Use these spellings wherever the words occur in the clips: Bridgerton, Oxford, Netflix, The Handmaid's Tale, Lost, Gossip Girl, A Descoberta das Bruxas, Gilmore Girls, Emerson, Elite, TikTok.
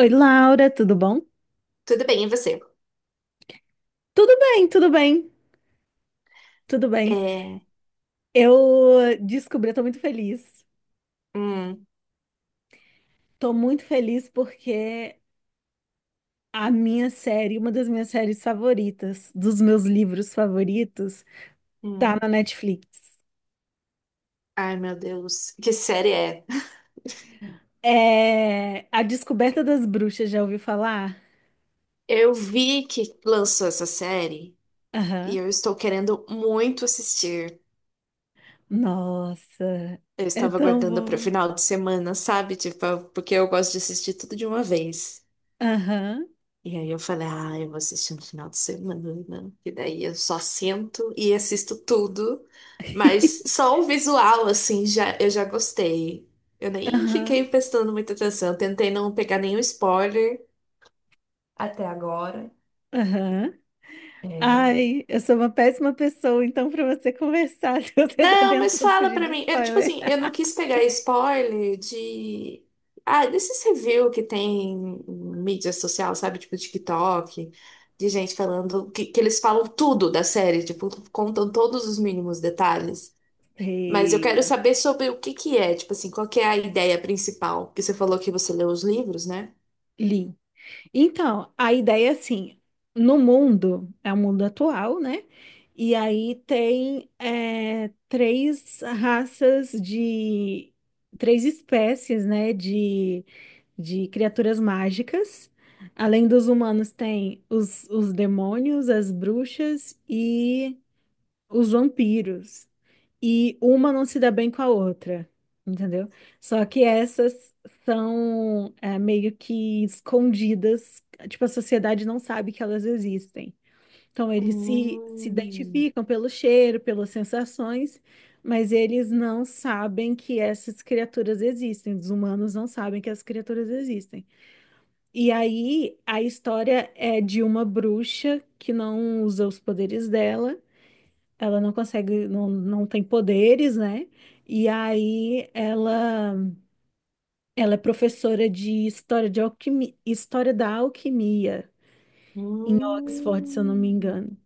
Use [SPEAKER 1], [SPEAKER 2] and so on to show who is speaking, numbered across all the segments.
[SPEAKER 1] Oi, Laura, tudo bom?
[SPEAKER 2] Tudo bem, e você?
[SPEAKER 1] Tudo bem, tudo bem, tudo bem.
[SPEAKER 2] É...
[SPEAKER 1] Eu descobri, eu tô muito feliz.
[SPEAKER 2] Hum,
[SPEAKER 1] Tô muito feliz porque a minha série, uma das minhas séries favoritas, dos meus livros favoritos, tá
[SPEAKER 2] hum.
[SPEAKER 1] na Netflix.
[SPEAKER 2] Ai, meu Deus, que série é?
[SPEAKER 1] É A Descoberta das Bruxas, já ouviu falar?
[SPEAKER 2] Eu vi que lançou essa série e
[SPEAKER 1] Aham.
[SPEAKER 2] eu estou querendo muito assistir.
[SPEAKER 1] Nossa,
[SPEAKER 2] Eu
[SPEAKER 1] é
[SPEAKER 2] estava
[SPEAKER 1] tão
[SPEAKER 2] aguardando para o
[SPEAKER 1] bom.
[SPEAKER 2] final de semana, sabe? Tipo, porque eu gosto de assistir tudo de uma vez.
[SPEAKER 1] Aham,
[SPEAKER 2] E aí eu falei, ah, eu vou assistir no final de semana, né? E daí eu só sento e assisto tudo. Mas só o visual, assim, já, eu já gostei. Eu nem
[SPEAKER 1] aham,
[SPEAKER 2] fiquei prestando muita atenção. Eu tentei não pegar nenhum spoiler até agora.
[SPEAKER 1] aham.
[SPEAKER 2] É.
[SPEAKER 1] Ai, eu sou uma péssima pessoa, então, para você conversar, se você tá
[SPEAKER 2] Não, mas
[SPEAKER 1] tentando
[SPEAKER 2] fala
[SPEAKER 1] fugir
[SPEAKER 2] pra
[SPEAKER 1] de
[SPEAKER 2] mim. Eu, tipo
[SPEAKER 1] spoiler.
[SPEAKER 2] assim, eu não quis pegar spoiler de. Ah, desses review que tem em mídia social, sabe? Tipo TikTok, de gente falando. Que eles falam tudo da série, tipo, contam todos os mínimos detalhes. Mas eu quero
[SPEAKER 1] Sei,
[SPEAKER 2] saber sobre o que que é, tipo assim, qual que é a ideia principal? Porque você falou que você leu os livros, né?
[SPEAKER 1] li. Então, a ideia é assim, no mundo, é o mundo atual, né? E aí tem três raças de... Três espécies, né, de criaturas mágicas. Além dos humanos, tem os demônios, as bruxas e os vampiros. E uma não se dá bem com a outra, entendeu? Só que essas são meio que escondidas, tipo, a sociedade não sabe que elas existem. Então, eles se
[SPEAKER 2] Hum,
[SPEAKER 1] identificam pelo cheiro, pelas sensações, mas eles não sabem que essas criaturas existem. Os humanos não sabem que essas criaturas existem. E aí, a história é de uma bruxa que não usa os poderes dela. Ela não consegue, não, não tem poderes, né? E aí ela é professora de história de alquimia, história da alquimia, Oxford, se eu não me
[SPEAKER 2] hum,
[SPEAKER 1] engano.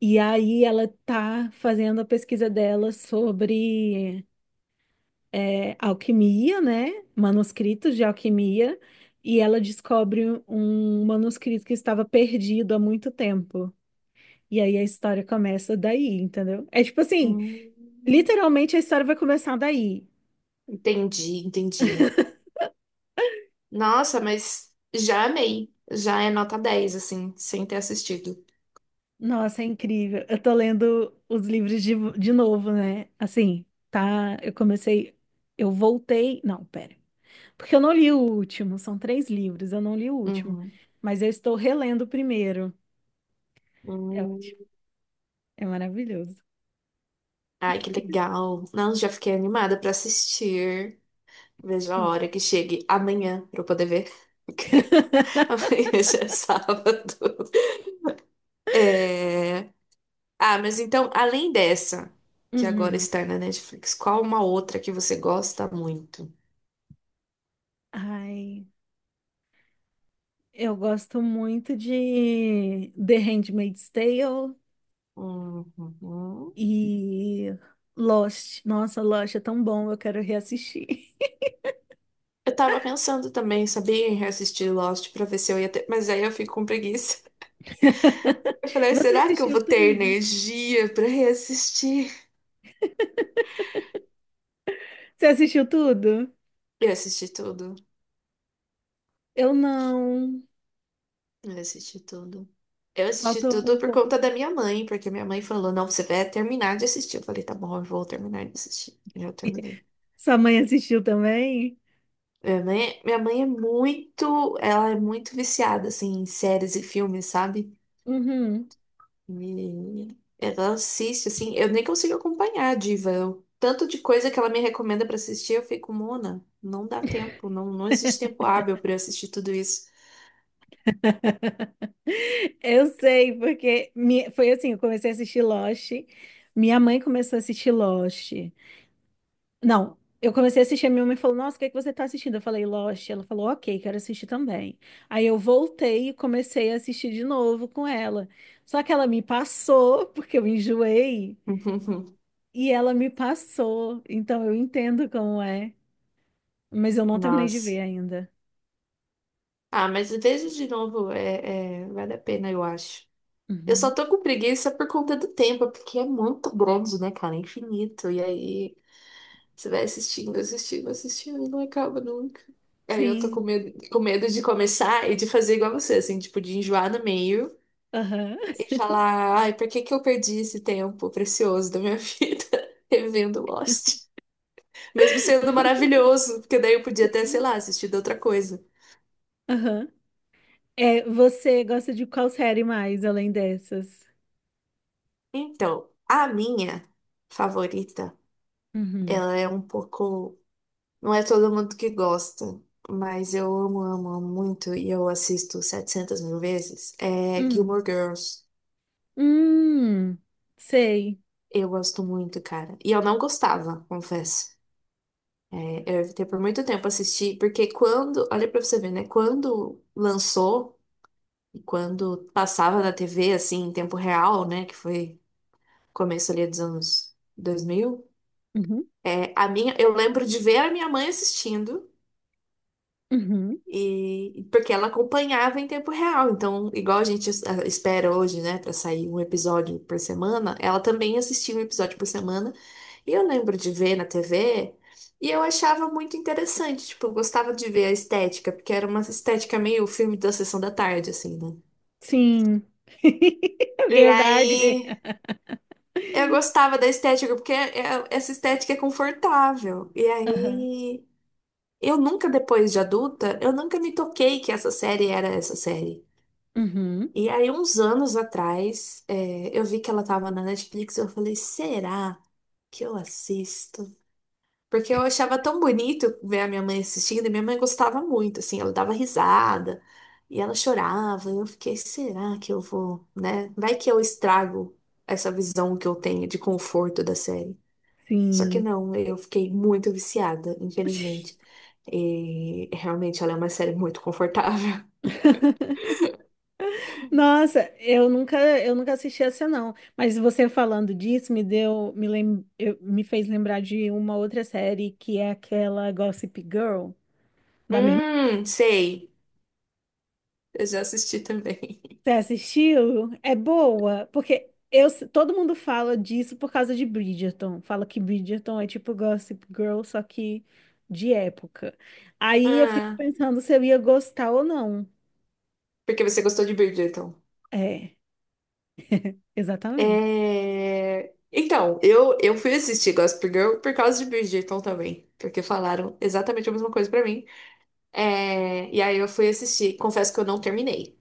[SPEAKER 1] E aí ela tá fazendo a pesquisa dela sobre alquimia, né? Manuscritos de alquimia, e ela descobre um manuscrito que estava perdido há muito tempo. E aí a história começa daí, entendeu? É tipo assim,
[SPEAKER 2] hum.
[SPEAKER 1] literalmente a história vai começar daí.
[SPEAKER 2] Entendi, entendi. Nossa, mas já amei. Já é nota 10 assim, sem ter assistido.
[SPEAKER 1] Nossa, é incrível. Eu tô lendo os livros de novo, né? Assim, tá? Eu comecei. Eu voltei. Não, pera. Porque eu não li o último. São três livros. Eu não li o último.
[SPEAKER 2] Uhum.
[SPEAKER 1] Mas eu estou relendo o primeiro. É
[SPEAKER 2] Hum.
[SPEAKER 1] ótimo. É maravilhoso.
[SPEAKER 2] Ai, que legal. Não, já fiquei animada pra assistir. Veja a hora
[SPEAKER 1] Sim.
[SPEAKER 2] que chegue amanhã pra eu poder ver. Amanhã já é sábado. É... Ah, mas então, além dessa, que agora
[SPEAKER 1] Uhum.
[SPEAKER 2] está na Netflix, qual uma outra que você gosta muito?
[SPEAKER 1] Ai, eu gosto muito de The Handmaid's Tale
[SPEAKER 2] Uhum.
[SPEAKER 1] e Lost. Nossa, Lost é tão bom. Eu quero reassistir.
[SPEAKER 2] Eu tava pensando também, sabia, em reassistir Lost pra ver se eu ia ter. Mas aí eu fico com preguiça. Eu falei,
[SPEAKER 1] Você
[SPEAKER 2] será que eu
[SPEAKER 1] assistiu
[SPEAKER 2] vou ter
[SPEAKER 1] tudo?
[SPEAKER 2] energia pra reassistir?
[SPEAKER 1] Você assistiu tudo?
[SPEAKER 2] Eu assisti tudo.
[SPEAKER 1] Eu não.
[SPEAKER 2] Eu assisti tudo. Eu assisti
[SPEAKER 1] Faltou um
[SPEAKER 2] tudo por
[SPEAKER 1] pouco.
[SPEAKER 2] conta da minha mãe, porque minha mãe falou, não, você vai terminar de assistir. Eu falei, tá bom, eu vou terminar de assistir. E eu terminei.
[SPEAKER 1] Sua mãe assistiu também?
[SPEAKER 2] Minha mãe é muito, ela é muito viciada, assim, em séries e filmes, sabe?
[SPEAKER 1] Uhum.
[SPEAKER 2] E ela assiste, assim, eu nem consigo acompanhar a diva. Tanto de coisa que ela me recomenda pra assistir, eu fico, Mona, não dá tempo, não, não existe tempo hábil pra eu assistir tudo isso.
[SPEAKER 1] Eu sei, porque foi assim, eu comecei a assistir Lost, minha mãe começou a assistir Lost. Não, eu comecei a assistir, a minha mãe falou, nossa, o que é que você tá assistindo? Eu falei, Lost. Ela falou, ok, quero assistir também. Aí eu voltei e comecei a assistir de novo com ela. Só que ela me passou, porque eu enjoei, e ela me passou. Então eu entendo como é. Mas eu não terminei de ver
[SPEAKER 2] Nossa.
[SPEAKER 1] ainda.
[SPEAKER 2] Ah, mas veja de novo, é, é, vale a pena, eu acho. Eu só
[SPEAKER 1] Uhum.
[SPEAKER 2] tô com preguiça por conta do tempo, porque é muito grande, né, cara? É infinito. E aí você vai assistindo, assistindo, assistindo e não acaba nunca. Aí eu tô
[SPEAKER 1] Sim.
[SPEAKER 2] com medo de começar e de fazer igual você, assim, tipo, de enjoar no meio
[SPEAKER 1] Aham.
[SPEAKER 2] e falar, ai, por que que eu perdi esse tempo precioso da minha vida revendo Lost? Mesmo sendo maravilhoso, porque daí eu podia até, sei
[SPEAKER 1] Sim.
[SPEAKER 2] lá, assistir de outra coisa.
[SPEAKER 1] Aham. É, você gosta de qual série mais além dessas?
[SPEAKER 2] Então, a minha favorita,
[SPEAKER 1] Uhum.
[SPEAKER 2] ela é um pouco. Não é todo mundo que gosta, mas eu amo, amo, amo muito e eu assisto 700 mil vezes. É
[SPEAKER 1] Hum.
[SPEAKER 2] Gilmore Girls.
[SPEAKER 1] Hum. Sei.
[SPEAKER 2] Eu gosto muito, cara. E eu não gostava, confesso. É, eu evitei por muito tempo assistir, porque quando. Olha pra você ver, né? Quando lançou, e quando passava na TV, assim, em tempo real, né? Que foi começo ali dos anos 2000.
[SPEAKER 1] Uhum.
[SPEAKER 2] É, a minha, eu lembro de ver a minha mãe assistindo
[SPEAKER 1] Uhum.
[SPEAKER 2] e porque ela acompanhava em tempo real. Então, igual a gente espera hoje, né, para sair um episódio por semana, ela também assistia um episódio por semana. E eu lembro de ver na TV e eu achava muito interessante, tipo, eu gostava de ver a estética, porque era uma estética meio filme da sessão da tarde, assim, né?
[SPEAKER 1] Sim. É
[SPEAKER 2] E
[SPEAKER 1] verdade.
[SPEAKER 2] aí eu gostava da estética, porque essa estética é confortável. E
[SPEAKER 1] Aham.
[SPEAKER 2] aí eu nunca, depois de adulta, eu nunca me toquei que essa série era essa série.
[SPEAKER 1] Uhum.
[SPEAKER 2] E aí, uns anos atrás, é, eu vi que ela tava na Netflix e eu falei, será que eu assisto? Porque eu achava tão bonito ver a minha mãe assistindo e minha mãe gostava muito, assim, ela dava risada e ela chorava. E eu fiquei, será que eu vou, né? Vai que eu estrago essa visão que eu tenho de conforto da série. Só que
[SPEAKER 1] Sim.
[SPEAKER 2] não, eu fiquei muito viciada, infelizmente. E realmente ela é uma série muito confortável.
[SPEAKER 1] Nossa, eu nunca assisti essa não. Mas você falando disso me deu, me lem, eu- me fez lembrar de uma outra série que é aquela Gossip Girl da minha irmã.
[SPEAKER 2] Sei. Eu já assisti também.
[SPEAKER 1] Você assistiu? É boa, porque todo mundo fala disso por causa de Bridgerton. Fala que Bridgerton é tipo Gossip Girl, só que de época. Aí eu fico
[SPEAKER 2] Ah,
[SPEAKER 1] pensando se eu ia gostar ou não.
[SPEAKER 2] porque você gostou de Bridgerton.
[SPEAKER 1] É, exatamente.
[SPEAKER 2] É... Então, eu fui assistir Gossip Girl por causa de Bridgerton também. Porque falaram exatamente a mesma coisa pra mim. É... E aí eu fui assistir. Confesso que eu não terminei.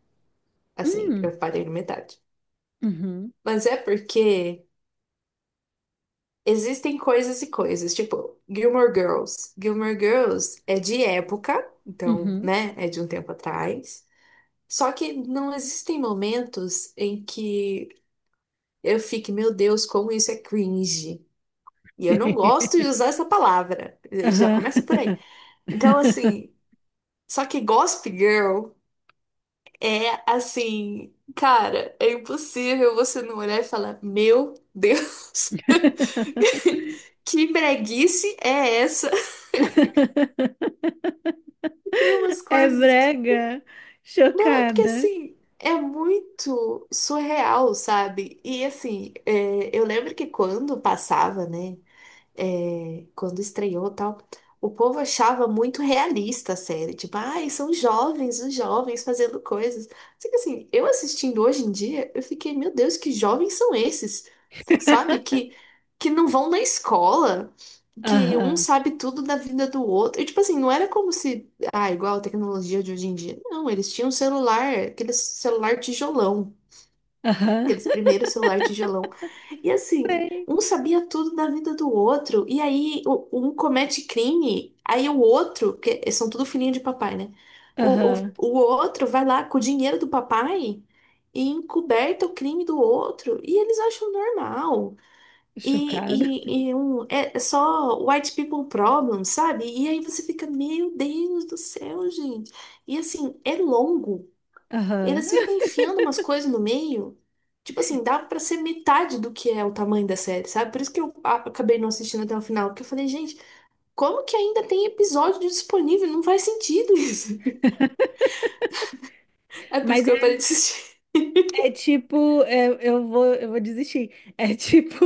[SPEAKER 2] Assim,
[SPEAKER 1] Hum,
[SPEAKER 2] eu parei na metade.
[SPEAKER 1] uhum,
[SPEAKER 2] Mas é porque. Existem coisas e coisas, tipo Gilmore Girls. Gilmore Girls é de época, então,
[SPEAKER 1] uhum.
[SPEAKER 2] né, é de um tempo atrás. Só que não existem momentos em que eu fique, meu Deus, como isso é cringe. E eu não gosto de usar essa palavra. Já
[SPEAKER 1] Aham.
[SPEAKER 2] começa por aí. Então, assim, só que Gossip Girl é assim, cara, é impossível você não olhar e falar, meu Deus, que breguice é essa? Tem umas
[SPEAKER 1] É
[SPEAKER 2] coisas que.
[SPEAKER 1] brega?
[SPEAKER 2] Não, é porque
[SPEAKER 1] Chocada.
[SPEAKER 2] assim, é muito surreal, sabe? E assim, é, eu lembro que quando passava, né? É, quando estreou e tal, o povo achava muito realista a série. Tipo, ai, são jovens, os jovens fazendo coisas. Só que assim, eu assistindo hoje em dia, eu fiquei, meu Deus, que jovens são esses? Sabe? Que não vão na escola. Que um
[SPEAKER 1] Aham,
[SPEAKER 2] sabe tudo da vida do outro. E, tipo assim, não era como se. Ah, igual a tecnologia de hoje em dia. Não, eles tinham um celular, aquele celular tijolão,
[SPEAKER 1] aham.
[SPEAKER 2] aqueles primeiros celular tijolão. E assim,
[SPEAKER 1] Sei.
[SPEAKER 2] um sabia tudo da vida do outro, e aí um comete crime, aí o outro, que são tudo filhinho de papai, né? O, o,
[SPEAKER 1] Aham,
[SPEAKER 2] o outro vai lá com o dinheiro do papai e encoberta o crime do outro, e eles acham normal.
[SPEAKER 1] chocada.
[SPEAKER 2] E um, é só white people problem, sabe? E aí você fica, meu Deus do céu, gente. E assim, é longo.
[SPEAKER 1] Aham.
[SPEAKER 2] Eles ficam enfiando umas coisas no meio. Tipo assim, dava pra ser metade do que é o tamanho da série, sabe? Por isso que eu acabei não assistindo até o final, porque eu falei, gente, como que ainda tem episódio disponível? Não faz sentido isso. É por isso
[SPEAKER 1] Mas
[SPEAKER 2] que eu parei
[SPEAKER 1] é,
[SPEAKER 2] de assistir.
[SPEAKER 1] é tipo, eu vou desistir. É tipo,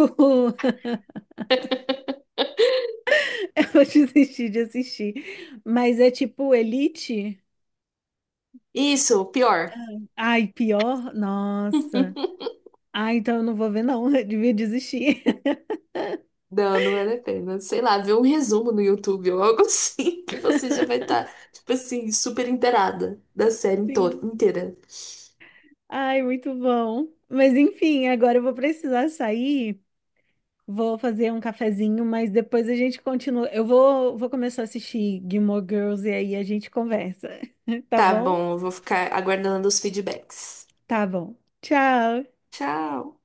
[SPEAKER 1] eu vou desistir de assistir. Mas é tipo Elite?
[SPEAKER 2] Isso, pior.
[SPEAKER 1] Ai, pior? Nossa. Ah, então eu não vou ver, não. Eu devia desistir.
[SPEAKER 2] Não, não vale a pena. Sei lá, ver um resumo no YouTube ou algo assim, que você já vai estar, tipo assim, super inteirada da série
[SPEAKER 1] Sim.
[SPEAKER 2] inteira.
[SPEAKER 1] Ai, muito bom. Mas enfim, agora eu vou precisar sair, vou fazer um cafezinho, mas depois a gente continua. Eu vou começar a assistir Gilmore Girls e aí a gente conversa, tá
[SPEAKER 2] Tá
[SPEAKER 1] bom?
[SPEAKER 2] bom, eu vou ficar aguardando os feedbacks.
[SPEAKER 1] Tá bom. Tchau.
[SPEAKER 2] Tchau.